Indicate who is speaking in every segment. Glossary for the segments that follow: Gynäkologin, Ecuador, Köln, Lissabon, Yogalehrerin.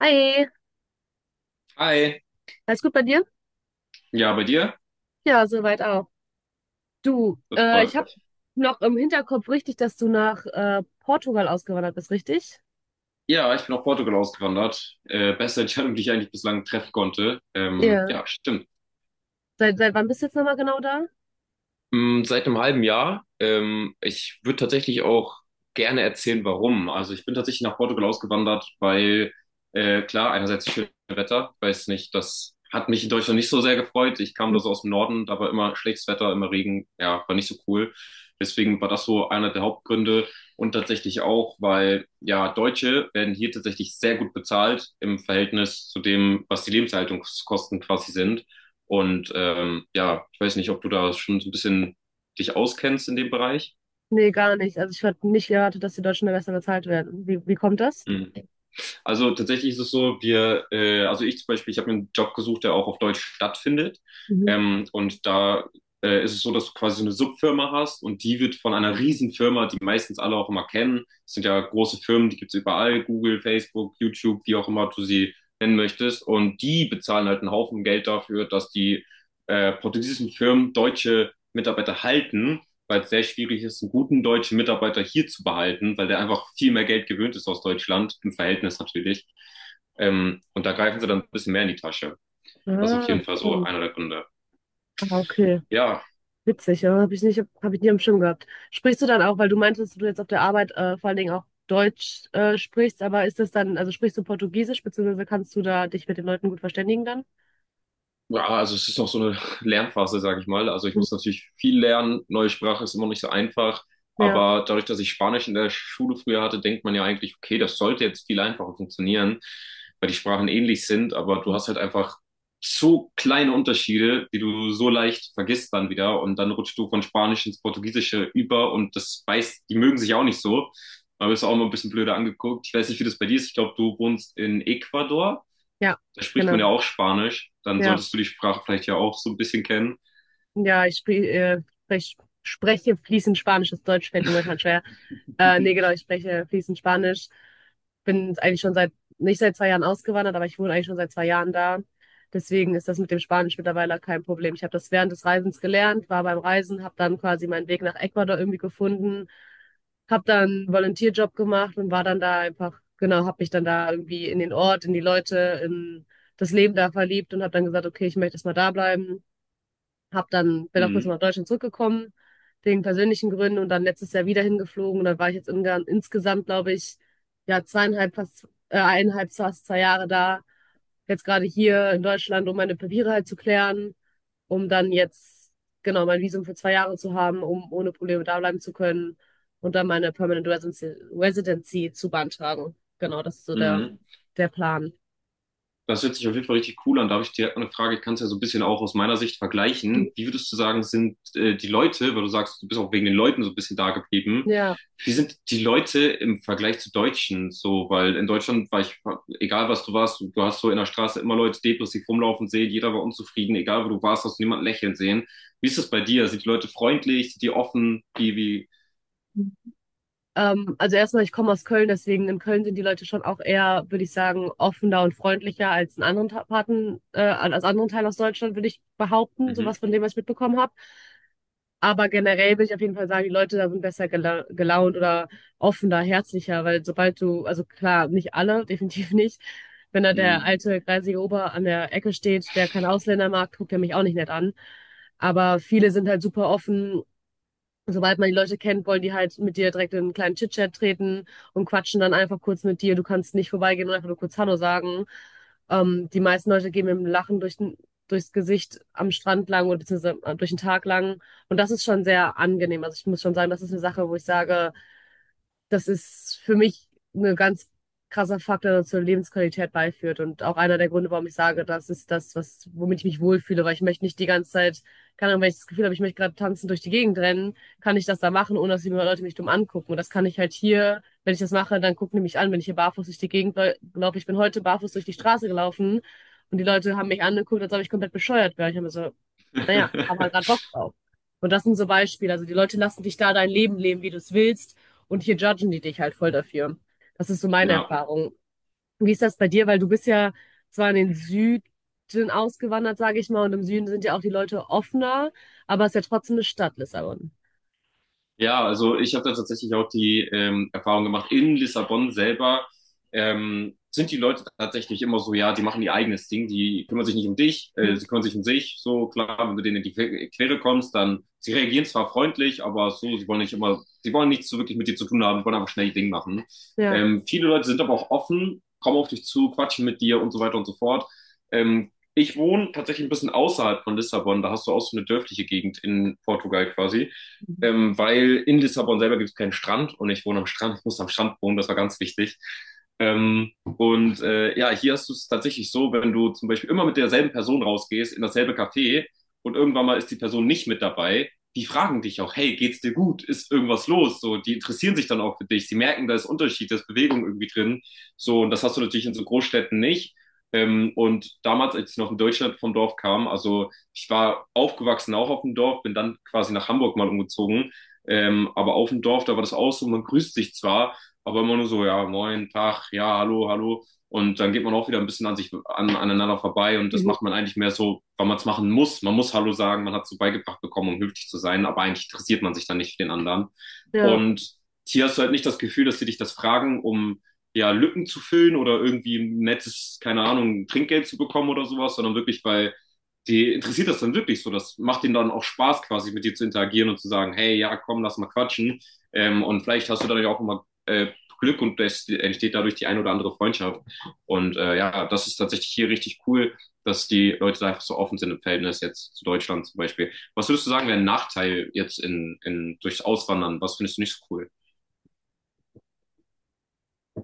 Speaker 1: Hi,
Speaker 2: Hi.
Speaker 1: alles gut bei dir?
Speaker 2: Ja, bei dir?
Speaker 1: Ja, soweit auch. Du,
Speaker 2: Das freut
Speaker 1: ich habe
Speaker 2: mich.
Speaker 1: noch im Hinterkopf richtig, dass du nach Portugal ausgewandert bist, richtig?
Speaker 2: Ja, ich bin nach Portugal ausgewandert. Beste Entscheidung, die ich eigentlich bislang treffen konnte. Ähm,
Speaker 1: Ja.
Speaker 2: ja, stimmt.
Speaker 1: Seit wann bist du jetzt nochmal genau da?
Speaker 2: Seit einem halben Jahr. Ich würde tatsächlich auch gerne erzählen, warum. Also ich bin tatsächlich nach Portugal ausgewandert, weil klar, einerseits schönes Wetter, weiß nicht, das hat mich in Deutschland nicht so sehr gefreut. Ich kam
Speaker 1: Hm.
Speaker 2: da so aus dem Norden, da war immer schlechtes Wetter, immer Regen, ja, war nicht so cool. Deswegen war das so einer der Hauptgründe und tatsächlich auch, weil ja, Deutsche werden hier tatsächlich sehr gut bezahlt im Verhältnis zu dem, was die Lebenshaltungskosten quasi sind. Und ja, ich weiß nicht, ob du da schon so ein bisschen dich auskennst in dem Bereich.
Speaker 1: Nee, gar nicht. Also ich hatte nicht erwartet, dass die Deutschen da besser bezahlt werden. Wie, wie kommt das?
Speaker 2: Mhm. Also tatsächlich ist es so, also ich zum Beispiel, ich habe mir einen Job gesucht, der auch auf Deutsch stattfindet.
Speaker 1: Mhm.
Speaker 2: Und da ist es so, dass du quasi so eine Subfirma hast und die wird von einer Riesenfirma, die meistens alle auch immer kennen. Das sind ja große Firmen, die gibt's überall, Google, Facebook, YouTube, wie auch immer du sie nennen möchtest. Und die bezahlen halt einen Haufen Geld dafür, dass die portugiesischen Firmen deutsche Mitarbeiter halten, weil es sehr schwierig ist, einen guten deutschen Mitarbeiter hier zu behalten, weil der einfach viel mehr Geld gewöhnt ist aus Deutschland, im Verhältnis natürlich. Und da greifen sie dann ein bisschen mehr in die Tasche. Das ist auf
Speaker 1: Ah,
Speaker 2: jeden Fall so
Speaker 1: stimmt.
Speaker 2: einer der Gründe.
Speaker 1: Ah, okay.
Speaker 2: Ja.
Speaker 1: Witzig, ja. Habe ich nicht, hab ich nie am Schirm gehabt. Sprichst du dann auch, weil du meintest, dass du jetzt auf der Arbeit vor allen Dingen auch Deutsch sprichst, aber ist das dann, also sprichst du Portugiesisch, beziehungsweise kannst du da dich mit den Leuten gut verständigen dann?
Speaker 2: Ja, also es ist noch so eine Lernphase, sage ich mal. Also ich
Speaker 1: Mhm.
Speaker 2: muss natürlich viel lernen. Neue Sprache ist immer nicht so einfach.
Speaker 1: Ja.
Speaker 2: Aber dadurch, dass ich Spanisch in der Schule früher hatte, denkt man ja eigentlich, okay, das sollte jetzt viel einfacher funktionieren, weil die Sprachen ähnlich sind. Aber du hast halt einfach so kleine Unterschiede, die du so leicht vergisst dann wieder. Und dann rutscht du von Spanisch ins Portugiesische über und das weiß, die mögen sich auch nicht so. Man wirst du auch immer ein bisschen blöder angeguckt. Ich weiß nicht, wie das bei dir ist. Ich glaube, du wohnst in Ecuador,
Speaker 1: Ja,
Speaker 2: da spricht man
Speaker 1: genau.
Speaker 2: ja auch Spanisch, dann
Speaker 1: Ja.
Speaker 2: solltest du die Sprache vielleicht ja auch so ein bisschen kennen.
Speaker 1: Ja, spreche fließend Spanisch. Das Deutsch fällt mir momentan schwer. Nee, genau, ich spreche fließend Spanisch. Bin nicht seit 2 Jahren ausgewandert, aber ich wohne eigentlich schon seit 2 Jahren da. Deswegen ist das mit dem Spanisch mittlerweile kein Problem. Ich habe das während des Reisens gelernt, war beim Reisen, habe dann quasi meinen Weg nach Ecuador irgendwie gefunden, habe dann einen Volunteerjob gemacht und war dann da einfach, genau, habe mich dann da irgendwie in den Ort, in die Leute, in das Leben da verliebt und habe dann gesagt, okay, ich möchte jetzt mal da bleiben. Hab dann, bin auch kurz
Speaker 2: Mhm.
Speaker 1: mal nach Deutschland zurückgekommen, wegen persönlichen Gründen und dann letztes Jahr wieder hingeflogen. Und dann war ich jetzt insgesamt, glaube ich, ja, eineinhalb, fast 2 Jahre da. Jetzt gerade hier in Deutschland, um meine Papiere halt zu klären, um dann jetzt, genau, mein Visum für 2 Jahre zu haben, um ohne Probleme da bleiben zu können und dann meine Residency zu beantragen. Genau, das ist so der,
Speaker 2: Mhm.
Speaker 1: der Plan.
Speaker 2: Das hört sich auf jeden Fall richtig cool an. Da habe ich direkt mal eine Frage, ich kann es ja so ein bisschen auch aus meiner Sicht vergleichen. Wie würdest du sagen, sind die Leute, weil du sagst, du bist auch wegen den Leuten so ein bisschen da geblieben,
Speaker 1: Ja.
Speaker 2: wie sind die Leute im Vergleich zu Deutschen so? Weil in Deutschland war ich, egal was du warst, du hast so in der Straße immer Leute depressiv rumlaufen sehen, jeder war unzufrieden, egal wo du warst, hast du niemanden lächeln sehen. Wie ist das bei dir? Sind die Leute freundlich? Sind die offen? Wie?
Speaker 1: Also erstmal, ich komme aus Köln, deswegen in Köln sind die Leute schon auch eher, würde ich sagen, offener und freundlicher als in anderen Parten, als anderen Teil aus Deutschland, würde ich behaupten, sowas
Speaker 2: Mhm.
Speaker 1: von dem, was ich mitbekommen habe. Aber generell will ich auf jeden Fall sagen, die Leute da sind besser gelaunt oder offener, herzlicher, weil sobald du, also klar, nicht alle, definitiv nicht. Wenn da
Speaker 2: Mhm.
Speaker 1: der alte greisige Ober an der Ecke steht, der kein Ausländer mag, guckt er mich auch nicht nett an. Aber viele sind halt super offen. Sobald man die Leute kennt, wollen die halt mit dir direkt in einen kleinen Chit-Chat treten und quatschen dann einfach kurz mit dir. Du kannst nicht vorbeigehen und einfach nur kurz Hallo sagen. Die meisten Leute gehen mit dem Lachen durchs Gesicht am Strand lang oder beziehungsweise durch den Tag lang. Und das ist schon sehr angenehm. Also ich muss schon sagen, das ist eine Sache, wo ich sage, das ist für mich ein ganz krasser Faktor, der zur Lebensqualität beiführt. Und auch einer der Gründe, warum ich sage, das ist womit ich mich wohlfühle, weil ich möchte nicht die ganze Zeit, keine Ahnung, wenn ich das Gefühl habe, ich möchte gerade tanzen durch die Gegend rennen, kann ich das da machen, ohne dass die Leute mich dumm angucken. Und das kann ich halt hier, wenn ich das mache, dann gucken die mich an, wenn ich hier barfuß durch die Gegend laufe. Ich bin heute barfuß durch die Straße gelaufen und die Leute haben mich angeguckt, als ob ich komplett bescheuert wäre. Ich habe mir so, naja, hab halt gerade Bock drauf. Und das sind so Beispiele. Also die Leute lassen dich da dein Leben leben, wie du es willst. Und hier judgen die dich halt voll dafür. Das ist so meine
Speaker 2: Ja.
Speaker 1: Erfahrung. Wie ist das bei dir? Weil du bist ja zwar in den Süden ausgewandert, sage ich mal, und im Süden sind ja auch die Leute offener, aber es ist ja trotzdem eine Stadt, Lissabon.
Speaker 2: Ja, also ich habe da tatsächlich auch die Erfahrung gemacht, in Lissabon selber sind die Leute tatsächlich immer so, ja, die machen ihr eigenes Ding, die kümmern sich nicht um dich,
Speaker 1: Mhm.
Speaker 2: sie kümmern sich um sich, so klar, wenn du denen in die Quere kommst, dann, sie reagieren zwar freundlich, aber so, sie wollen nicht immer, sie wollen nichts so wirklich mit dir zu tun haben, wollen einfach schnell ihr Ding machen.
Speaker 1: Ja.
Speaker 2: Viele Leute sind aber auch offen, kommen auf dich zu, quatschen mit dir und so weiter und so fort. Ähm, ich wohne tatsächlich ein bisschen außerhalb von Lissabon, da hast du auch so eine dörfliche Gegend in Portugal quasi, weil in Lissabon selber gibt es keinen Strand und ich wohne am Strand, ich muss am Strand wohnen, das war ganz wichtig. Ja, hier hast du es tatsächlich so, wenn du zum Beispiel immer mit derselben Person rausgehst, in dasselbe Café und irgendwann mal ist die Person nicht mit dabei, die fragen dich auch, hey, geht's dir gut? Ist irgendwas los? So, die interessieren sich dann auch für dich. Sie merken, da ist Unterschied, da ist Bewegung irgendwie drin. So, und das hast du natürlich in so Großstädten nicht. Und damals, als ich noch in Deutschland vom Dorf kam, also ich war aufgewachsen auch auf dem Dorf, bin dann quasi nach Hamburg mal umgezogen. Aber auf dem Dorf, da war das auch so, man grüßt sich zwar, aber immer nur so, ja, moin, Tag, ja, hallo, hallo. Und dann geht man auch wieder ein bisschen an sich an, aneinander vorbei und das
Speaker 1: Mhm.
Speaker 2: macht man eigentlich mehr so, weil man es machen muss. Man muss Hallo sagen, man hat es so beigebracht bekommen, um höflich zu sein, aber eigentlich interessiert man sich dann nicht für den anderen.
Speaker 1: Ja,
Speaker 2: Und hier hast du halt nicht das Gefühl, dass sie dich das fragen, um ja Lücken zu füllen oder irgendwie ein nettes, keine Ahnung, Trinkgeld zu bekommen oder sowas, sondern wirklich, weil die interessiert das dann wirklich so. Das macht ihnen dann auch Spaß, quasi mit dir zu interagieren und zu sagen, hey, ja, komm, lass mal quatschen. Und vielleicht hast du dadurch auch immer Glück und es entsteht dadurch die ein oder andere Freundschaft. Und ja, das ist tatsächlich hier richtig cool, dass die Leute da einfach so offen sind im Verhältnis jetzt zu Deutschland zum Beispiel. Was würdest du sagen, wäre ein Nachteil jetzt in durchs Auswandern? Was findest du nicht so cool?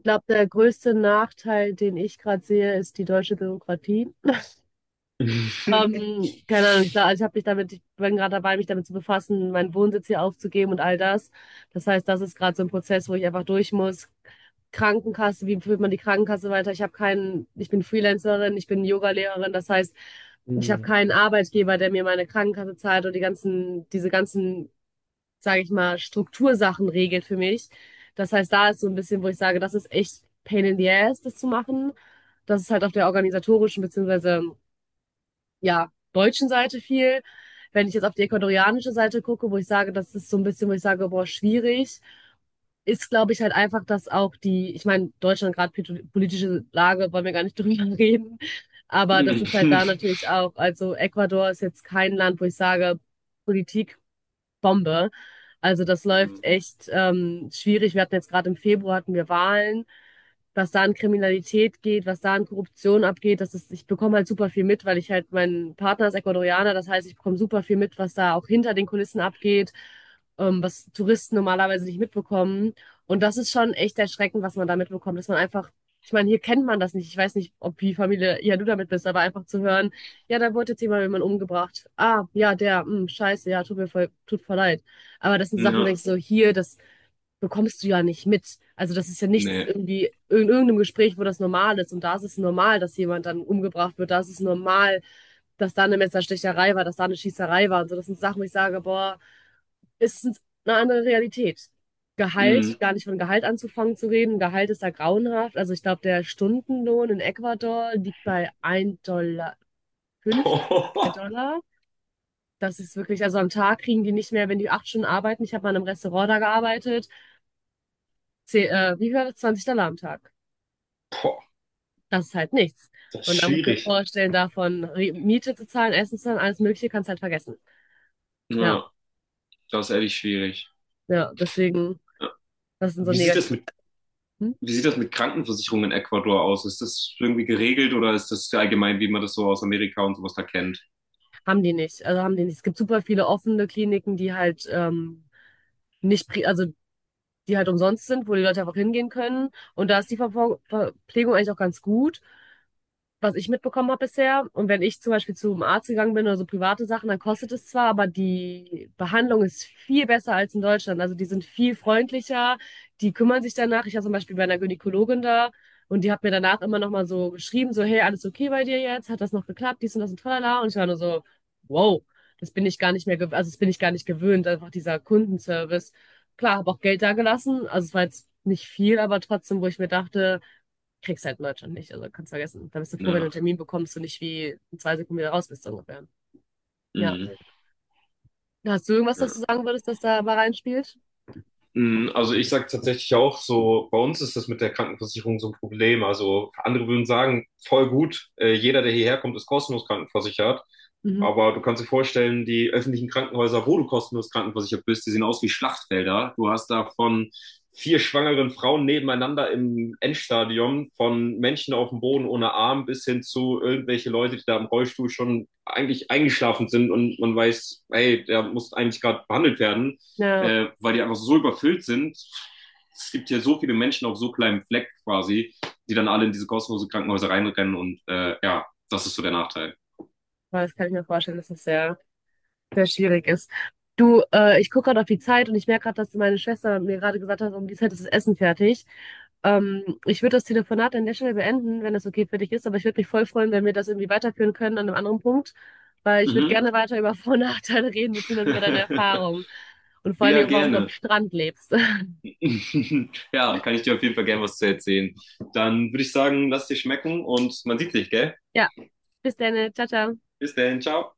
Speaker 1: ich glaube, der größte Nachteil, den ich gerade sehe, ist die deutsche Bürokratie. Keine Ahnung, ich, glaub, also ich habe mich damit, ich bin gerade dabei, mich damit zu befassen, meinen Wohnsitz hier aufzugeben und all das. Das heißt, das ist gerade so ein Prozess, wo ich einfach durch muss. Krankenkasse, wie führt man die Krankenkasse weiter? Ich habe keinen, ich bin Freelancerin, ich bin Yogalehrerin, das heißt, ich habe
Speaker 2: Hm.
Speaker 1: keinen Arbeitgeber, der mir meine Krankenkasse zahlt und die ganzen, diese ganzen, sage ich mal, Struktursachen regelt für mich. Das heißt, da ist so ein bisschen, wo ich sage, das ist echt pain in the ass, das zu machen. Das ist halt auf der organisatorischen bzw. ja, deutschen Seite viel. Wenn ich jetzt auf die ecuadorianische Seite gucke, wo ich sage, das ist so ein bisschen, wo ich sage, boah, schwierig, ist, glaube ich, halt einfach, dass auch die, ich meine, Deutschland gerade politische Lage, wollen wir gar nicht drüber reden, aber das ist halt da natürlich auch, also Ecuador ist jetzt kein Land, wo ich sage, Politik Bombe. Also das läuft echt schwierig. Wir hatten jetzt gerade im Februar hatten wir Wahlen. Was da an Kriminalität geht, was da an Korruption abgeht, das ist, ich bekomme halt super viel mit, weil ich halt, mein Partner ist Ecuadorianer, das heißt, ich bekomme super viel mit, was da auch hinter den Kulissen abgeht, was Touristen normalerweise nicht mitbekommen. Und das ist schon echt erschreckend, was man da mitbekommt, dass man einfach, ich meine, hier kennt man das nicht. Ich weiß nicht, ob wie Familie, ja, du damit bist, aber einfach zu hören, ja, da wurde jetzt jemand umgebracht. Ah, ja, der, scheiße, ja, tut mir voll, tut voll leid. Aber das sind so Sachen, wo du
Speaker 2: Ja,
Speaker 1: denkst, so hier, das bekommst du ja nicht mit. Also das ist ja nichts
Speaker 2: nee.
Speaker 1: irgendwie in irgendeinem Gespräch, wo das normal ist. Und da ist es normal, dass jemand dann umgebracht wird. Da ist es normal, dass da eine Messerstecherei war, dass da eine Schießerei war. Und so, das sind Sachen, wo ich sage, boah, ist es eine andere Realität. Gehalt,
Speaker 2: Mm.
Speaker 1: gar nicht von Gehalt anzufangen zu reden. Gehalt ist da grauenhaft. Also ich glaube, der Stundenlohn in Ecuador liegt bei 1,80 Dollar, 2
Speaker 2: Boah,
Speaker 1: Dollar. Das ist wirklich, also am Tag kriegen die nicht mehr, wenn die 8 Stunden arbeiten. Ich habe mal in einem Restaurant da gearbeitet. Wie viel war das? 20 $ am Tag. Das ist halt nichts.
Speaker 2: das ist
Speaker 1: Und da muss ich mir
Speaker 2: schwierig.
Speaker 1: vorstellen, davon Miete zu zahlen, Essen zu zahlen, alles Mögliche kannst halt vergessen. Ja,
Speaker 2: Ja. Das ist ehrlich schwierig.
Speaker 1: ja, deswegen,
Speaker 2: Ja.
Speaker 1: das sind so
Speaker 2: Wie sieht
Speaker 1: negative.
Speaker 2: das mit,
Speaker 1: Sachen.
Speaker 2: wie sieht das mit Krankenversicherungen in Ecuador aus? Ist das irgendwie geregelt oder ist das allgemein, wie man das so aus Amerika und sowas da kennt?
Speaker 1: Haben die nicht. Also haben die nicht. Es gibt super viele offene Kliniken, die halt nicht, also die halt umsonst sind, wo die Leute einfach hingehen können. Und da ist die Verpflegung eigentlich auch ganz gut, was ich mitbekommen habe bisher. Und wenn ich zum Beispiel zum Arzt gegangen bin oder so private Sachen, dann kostet es zwar, aber die Behandlung ist viel besser als in Deutschland. Also die sind viel freundlicher, die kümmern sich danach. Ich war zum Beispiel bei einer Gynäkologin da und die hat mir danach immer nochmal so geschrieben, so, hey, alles okay bei dir jetzt? Hat das noch geklappt? Dies und das und tralala. Und ich war nur so, wow, das bin ich gar nicht mehr, also das bin ich gar nicht gewöhnt, einfach dieser Kundenservice. Klar, habe auch Geld da gelassen. Also es war jetzt nicht viel, aber trotzdem, wo ich mir dachte, kriegst halt in Deutschland nicht. Also kannst vergessen. Da bist du froh, wenn du
Speaker 2: Ja.
Speaker 1: einen Termin bekommst und nicht wie in 2 Sekunden wieder raus bist, so ungefähr. Ja.
Speaker 2: Mhm.
Speaker 1: Ja. Hast du irgendwas, was
Speaker 2: Ja.
Speaker 1: du sagen würdest, das da mal reinspielt?
Speaker 2: Mhm. Also ich sage tatsächlich auch so, bei uns ist das mit der Krankenversicherung so ein Problem. Also andere würden sagen, voll gut, jeder, der hierher kommt, ist kostenlos krankenversichert.
Speaker 1: Mhm.
Speaker 2: Aber du kannst dir vorstellen, die öffentlichen Krankenhäuser, wo du kostenlos krankenversichert bist, die sehen aus wie Schlachtfelder. Du hast da von vier schwangeren Frauen nebeneinander im Endstadium, von Menschen auf dem Boden ohne Arm bis hin zu irgendwelche Leute, die da im Rollstuhl schon eigentlich eingeschlafen sind und man weiß, hey, der muss eigentlich gerade behandelt werden,
Speaker 1: Ja,
Speaker 2: weil die einfach so überfüllt sind. Es gibt ja so viele Menschen auf so kleinem Fleck quasi, die dann alle in diese kostenlosen Krankenhäuser reinrennen und ja, das ist so der Nachteil.
Speaker 1: weil das kann ich mir vorstellen, dass das sehr sehr schwierig ist. Du, ich gucke gerade auf die Zeit und ich merke gerade, dass meine Schwester mir gerade gesagt hat, um die Zeit ist das Essen fertig. Ich würde das Telefonat an der Stelle beenden, wenn das okay für dich ist, aber ich würde mich voll freuen, wenn wir das irgendwie weiterführen können an einem anderen Punkt, weil ich würde
Speaker 2: Mhm.
Speaker 1: gerne weiter über Vor- und Nachteile reden, beziehungsweise über deine Erfahrungen und vor allen
Speaker 2: Ja,
Speaker 1: Dingen, auch, warum du am
Speaker 2: gerne.
Speaker 1: Strand lebst.
Speaker 2: Ja, kann ich dir auf jeden Fall gerne was zu erzählen. Dann würde ich sagen, lass dir schmecken und man sieht sich, gell?
Speaker 1: Ja, bis dann, ciao, ciao.
Speaker 2: Bis dann, ciao.